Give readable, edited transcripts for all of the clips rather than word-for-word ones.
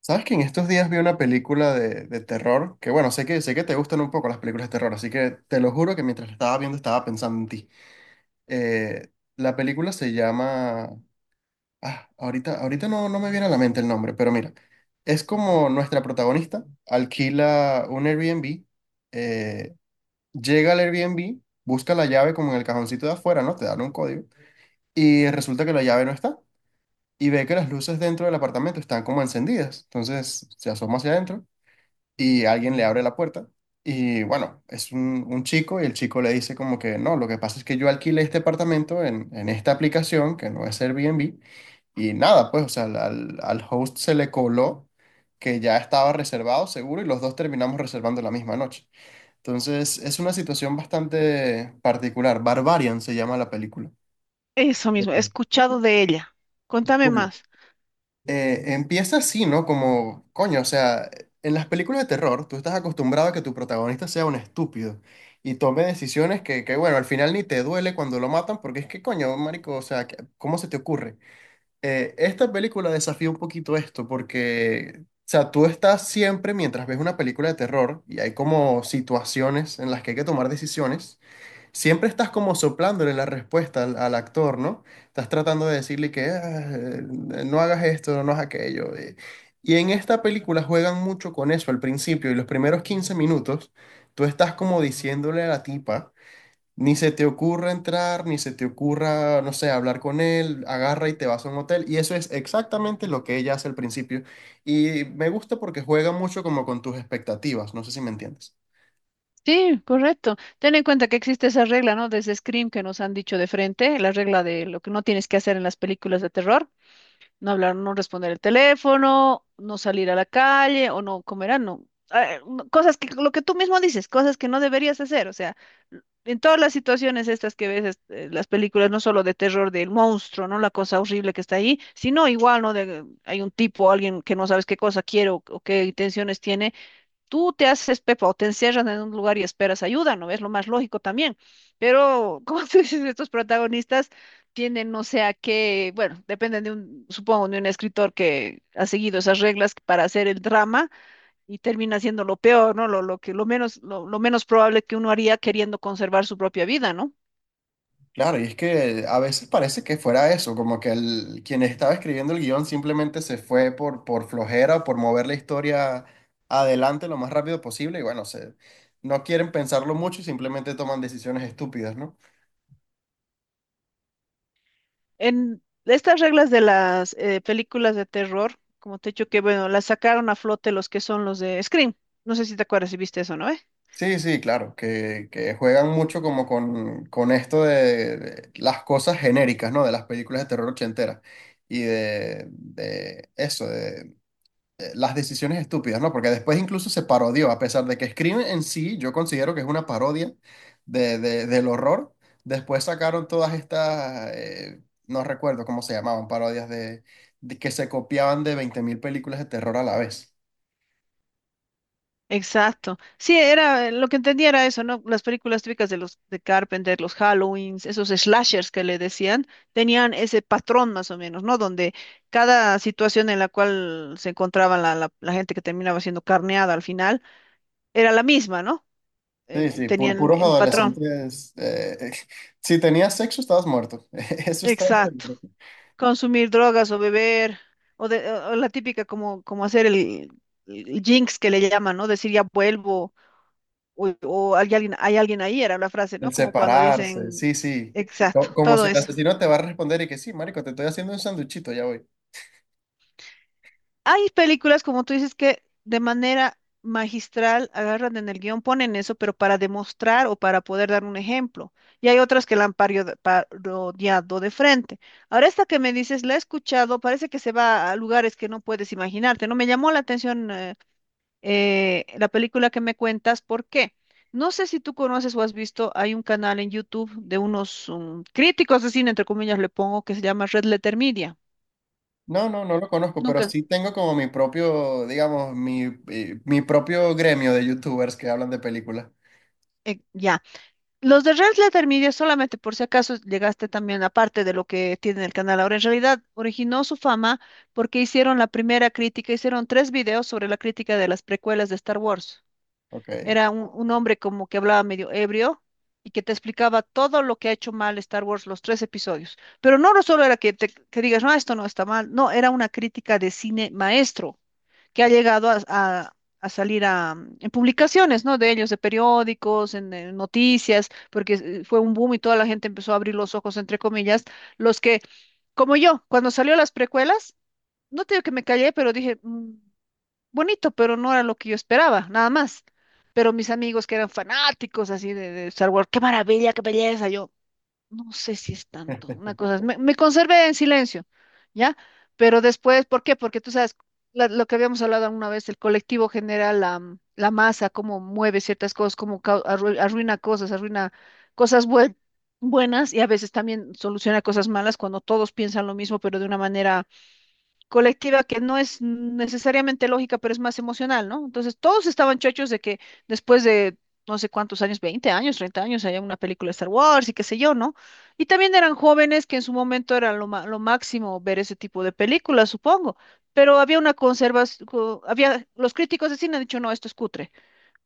¿Sabes que en estos días vi una película de terror? Que bueno, sé que te gustan un poco las películas de terror, así que te lo juro que mientras la estaba viendo estaba pensando en ti. Eh, la película se llama... Ah, ahorita no me viene a la mente el nombre, pero mira, es como nuestra protagonista alquila un Airbnb. eh, Llega al Airbnb, busca la llave como en el cajoncito de afuera, ¿no? Te dan un código y resulta que la llave no está y ve que las luces dentro del apartamento están como encendidas, entonces se asoma hacia adentro y alguien le abre la puerta. Y bueno, es un chico y el chico le dice como que no, lo que pasa es que yo alquilé este apartamento en esta aplicación que no es Airbnb y nada, pues, o sea, al host se le coló que ya estaba reservado seguro y los dos terminamos reservando la misma noche. Entonces, es una situación bastante particular. Barbarian se llama la película. Eso mismo, he Ok. escuchado de ella. Contame Bueno, más. Empieza así, ¿no? Como, coño, o sea, en las películas de terror, tú estás acostumbrado a que tu protagonista sea un estúpido y tome decisiones bueno, al final ni te duele cuando lo matan, porque es que, coño, marico, o sea, ¿cómo se te ocurre? Esta película desafía un poquito esto, porque, o sea, tú estás siempre, mientras ves una película de terror, y hay como situaciones en las que hay que tomar decisiones. Siempre estás como soplándole la respuesta al actor, ¿no? Estás tratando de decirle que "Ah, no hagas esto, no hagas aquello. Y en esta película juegan mucho con eso al principio y los primeros 15 minutos, tú estás como diciéndole a la tipa, ni se te ocurra entrar, ni se te ocurra, no sé, hablar con él, agarra y te vas a un hotel. Y eso es exactamente lo que ella hace al principio. Y me gusta porque juega mucho como con tus expectativas, no sé si me entiendes. Sí, correcto. Ten en cuenta que existe esa regla, ¿no? Desde Scream que nos han dicho de frente, la regla de lo que no tienes que hacer en las películas de terror. No hablar, no responder el teléfono, no salir a la calle o no comer, ah, no. Ah, no, cosas que, lo que tú mismo dices, cosas que no deberías hacer, o sea, en todas las situaciones estas que ves, las películas, no solo de terror del monstruo, ¿no? La cosa horrible que está ahí, sino igual, ¿no? Hay un tipo, alguien que no sabes qué cosa quiere o qué intenciones tiene. Tú te haces pepa o te encierran en un lugar y esperas ayuda, ¿no? Es lo más lógico también. Pero, como tú dices, estos protagonistas tienen, no sé a qué, bueno, dependen de un, supongo, de un escritor que ha seguido esas reglas para hacer el drama y termina siendo lo peor, ¿no? Lo que, lo menos, lo menos probable que uno haría queriendo conservar su propia vida, ¿no? Claro, y es que a veces parece que fuera eso, como que quien estaba escribiendo el guión simplemente se fue por flojera o por mover la historia adelante lo más rápido posible y bueno, no quieren pensarlo mucho y simplemente toman decisiones estúpidas, ¿no? En estas reglas de las películas de terror, como te he dicho que, bueno, las sacaron a flote los que son los de Scream. No sé si te acuerdas si viste eso, ¿no? Sí, sí, claro, que juegan mucho como con esto de las cosas genéricas, ¿no? De las películas de terror ochenteras y de eso, las decisiones estúpidas, ¿no? Porque después incluso se parodió, a pesar de que Scream en sí, yo considero que es una parodia del horror. Después sacaron todas estas, no recuerdo cómo se llamaban, parodias de que se copiaban de 20.000 películas de terror a la vez. Exacto. Sí, era lo que entendía era eso, ¿no? Las películas típicas de los de Carpenter, los Halloweens, esos slashers que le decían, tenían ese patrón más o menos, ¿no? Donde cada situación en la cual se encontraba la gente que terminaba siendo carneada al final era la misma, ¿no? Sí, sí, por Tenían puros el oh, patrón. adolescentes. Si tenías sexo, estabas muerto. Eso estaba Exacto. seguro. Consumir drogas o beber, o la típica como hacer el jinx que le llaman, ¿no? Decir ya vuelvo, o hay alguien ahí, era la frase, ¿no? El Como cuando separarse, dicen, sí, sí. exacto, Como si todo el eso. asesino te va a responder y que sí, marico, te estoy haciendo un sanduchito, ya voy. Hay películas, como tú dices, que de manera magistral agarran en el guión, ponen eso, pero para demostrar o para poder dar un ejemplo. Y hay otras que la han parodiado de frente. Ahora, esta que me dices, la he escuchado, parece que se va a lugares que no puedes imaginarte, ¿no? Me llamó la atención la película que me cuentas, ¿por qué? No sé si tú conoces o has visto, hay un canal en YouTube de unos críticos de cine, entre comillas le pongo, que se llama Red Letter Media. No, no, no lo conozco, pero Nunca, sí tengo como mi propio, digamos, mi propio gremio de youtubers que hablan de películas. Ya. Los de Red Letter Media, solamente por si acaso llegaste también, aparte de lo que tiene el canal ahora, en realidad originó su fama porque hicieron la primera crítica, hicieron tres videos sobre la crítica de las precuelas de Star Wars. Ok. Era un hombre como que hablaba medio ebrio y que te explicaba todo lo que ha hecho mal Star Wars, los tres episodios. Pero no solo era que, te, que digas, no, esto no está mal, no, era una crítica de cine maestro que ha llegado a salir a, en publicaciones, ¿no? De ellos, de periódicos, en, noticias, porque fue un boom y toda la gente empezó a abrir los ojos, entre comillas, los que, como yo, cuando salió las precuelas, no te digo que me callé, pero dije... Bonito, pero no era lo que yo esperaba, nada más." Pero mis amigos que eran fanáticos así de Star Wars, qué maravilla, qué belleza. Yo no sé si es tanto, una cosa, me conservé en silencio, ¿ya? Pero después, ¿por qué? Porque tú sabes, lo que habíamos hablado alguna vez, el colectivo genera la masa, cómo mueve ciertas cosas, cómo arruina cosas, arruina cosas buenas y a veces también soluciona cosas malas cuando todos piensan lo mismo, pero de una manera colectiva que no es necesariamente lógica, pero es más emocional, ¿no? Entonces todos estaban chochos de que después de no sé cuántos años, 20 años, 30 años, haya una película de Star Wars y qué sé yo, ¿no? Y también eran jóvenes que en su momento era lo máximo ver ese tipo de películas, supongo. Pero había una conservación, había, los críticos de cine han dicho, no, esto es cutre,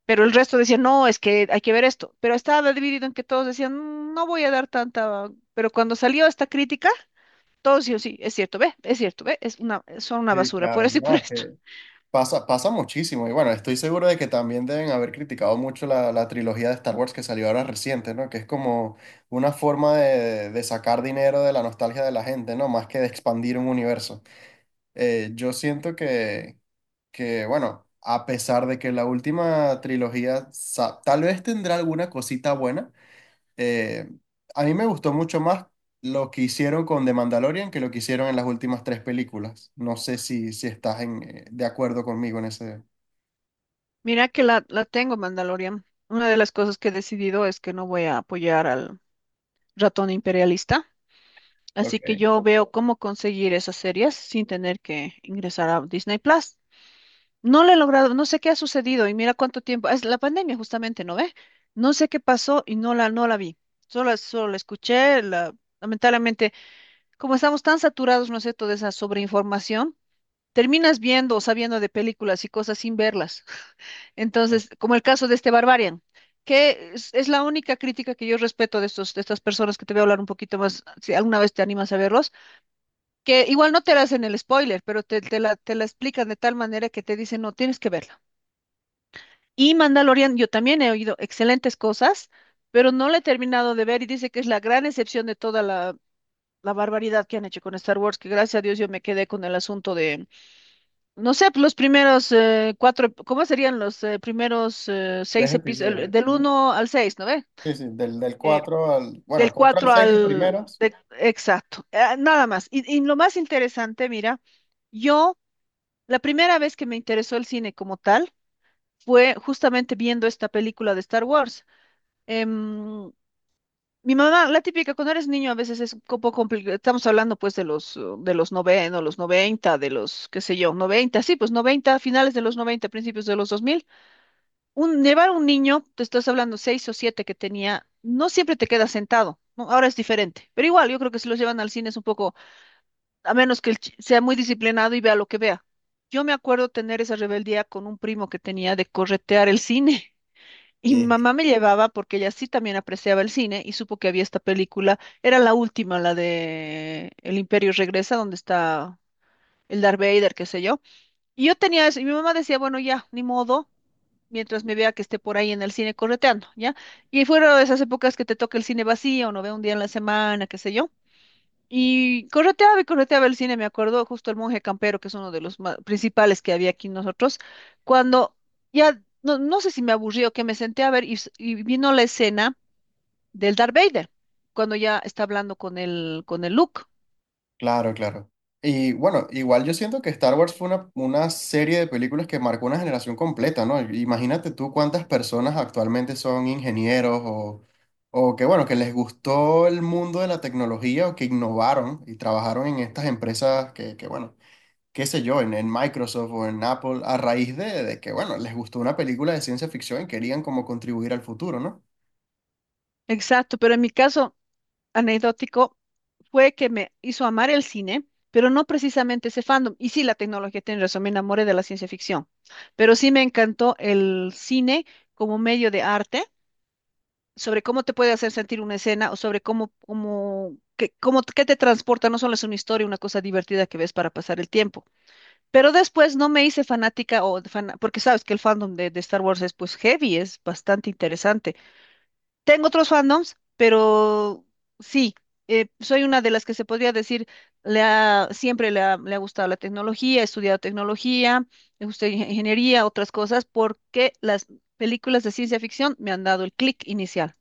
pero el resto decían, no, es que hay que ver esto. Pero estaba dividido en que todos decían, No voy a dar tanta", pero cuando salió esta crítica, todo sí o sí, es cierto, ve, es cierto, ve, es una, son una Sí, basura, por claro. eso y No, por es esto. que pasa, pasa muchísimo. Y bueno, estoy seguro de que también deben haber criticado mucho la trilogía de Star Wars que salió ahora reciente, ¿no? Que es como una forma de sacar dinero de la nostalgia de la gente, ¿no? Más que de expandir un universo. Yo siento que, bueno, a pesar de que la última trilogía tal vez tendrá alguna cosita buena. Eh, a mí me gustó mucho más lo que hicieron con The Mandalorian que lo que hicieron en las últimas tres películas. No sé si, si estás en, de acuerdo conmigo en ese... Mira que la tengo, Mandalorian. Una de las cosas que he decidido es que no voy a apoyar al ratón imperialista, así que Ok. yo veo cómo conseguir esas series sin tener que ingresar a Disney Plus. No lo he logrado, no sé qué ha sucedido y mira cuánto tiempo, es la pandemia justamente, ¿no ve? No sé qué pasó y no la, no la vi. Solo la escuché, lamentablemente, como estamos tan saturados, ¿no es cierto?, de esa sobreinformación. Terminas viendo o sabiendo de películas y cosas sin verlas. Entonces, como el caso de este Barbarian, que es la única crítica que yo respeto de estos, de estas personas que te voy a hablar un poquito más, si alguna vez te animas a verlos, que igual no te la hacen el spoiler, pero te la explican de tal manera que te dicen, no, tienes que verla. Y Mandalorian, yo también he oído excelentes cosas, pero no la he terminado de ver y dice que es la gran excepción de toda la, la barbaridad que han hecho con Star Wars, que gracias a Dios yo me quedé con el asunto de no sé, los primeros cuatro, ¿cómo serían los primeros Tres seis episodios. episodios? Del Ajá. uno al seis, ¿no ve? Sí, sí, del Eh, cuatro al... Bueno, del 4 al cuatro 6 los al... primeros. Exacto, nada más. Y lo más interesante, mira, yo, la primera vez que me interesó el cine como tal fue justamente viendo esta película de Star Wars. Em, mi mamá, la típica, cuando eres niño a veces es un poco complicado, estamos hablando pues de los noventa o los noventa, de los, qué sé yo, noventa, sí, pues noventa, finales de los noventa, principios de los 2000. Un, llevar un niño, te estás hablando seis o siete que tenía, no siempre te queda sentado, ¿no? Ahora es diferente, pero igual yo creo que si los llevan al cine es un poco, a menos que sea muy disciplinado y vea lo que vea. Yo me acuerdo tener esa rebeldía con un primo que tenía de corretear el cine. Y mi mamá me llevaba porque ella sí también apreciaba el cine y supo que había esta película. Era la última, la de El Imperio Regresa, donde está el Darth Vader, qué sé yo. Y yo tenía eso, y mi mamá decía, bueno, ya, ni modo, mientras me vea que esté por ahí en el cine correteando, ¿ya? Y fuera de esas épocas que te toca el cine vacío, no veo un día en la semana, qué sé yo. Y correteaba el cine, me acuerdo justo el Monje Campero, que es uno de los principales que había aquí nosotros, cuando ya, no, no sé si me aburrió que me senté a ver y vino la escena del Darth Vader, cuando ya está hablando con el Luke. Claro, claro. Y bueno, igual yo siento que Star Wars fue una serie de películas que marcó una generación completa, ¿no? Imagínate tú cuántas personas actualmente son ingenieros o que, bueno, que les gustó el mundo de la tecnología o que innovaron y trabajaron en estas empresas bueno, qué sé yo, en Microsoft o en Apple, a raíz de que, bueno, les gustó una película de ciencia ficción y querían como contribuir al futuro, ¿no? Exacto, pero en mi caso, anecdótico, fue que me hizo amar el cine, pero no precisamente ese fandom. Y sí, la tecnología tiene razón, me enamoré de la ciencia ficción, pero sí me encantó el cine como medio de arte, sobre cómo te puede hacer sentir una escena o sobre cómo, cómo, qué te transporta, no solo es una historia, una cosa divertida que ves para pasar el tiempo. Pero después no me hice fanática o porque sabes que el fandom de Star Wars es pues heavy, es bastante interesante. Tengo otros fandoms, pero sí, soy una de las que se podría decir, siempre le ha gustado la tecnología, he estudiado tecnología, he gustado ingeniería, otras cosas, porque las películas de ciencia ficción me han dado el clic inicial.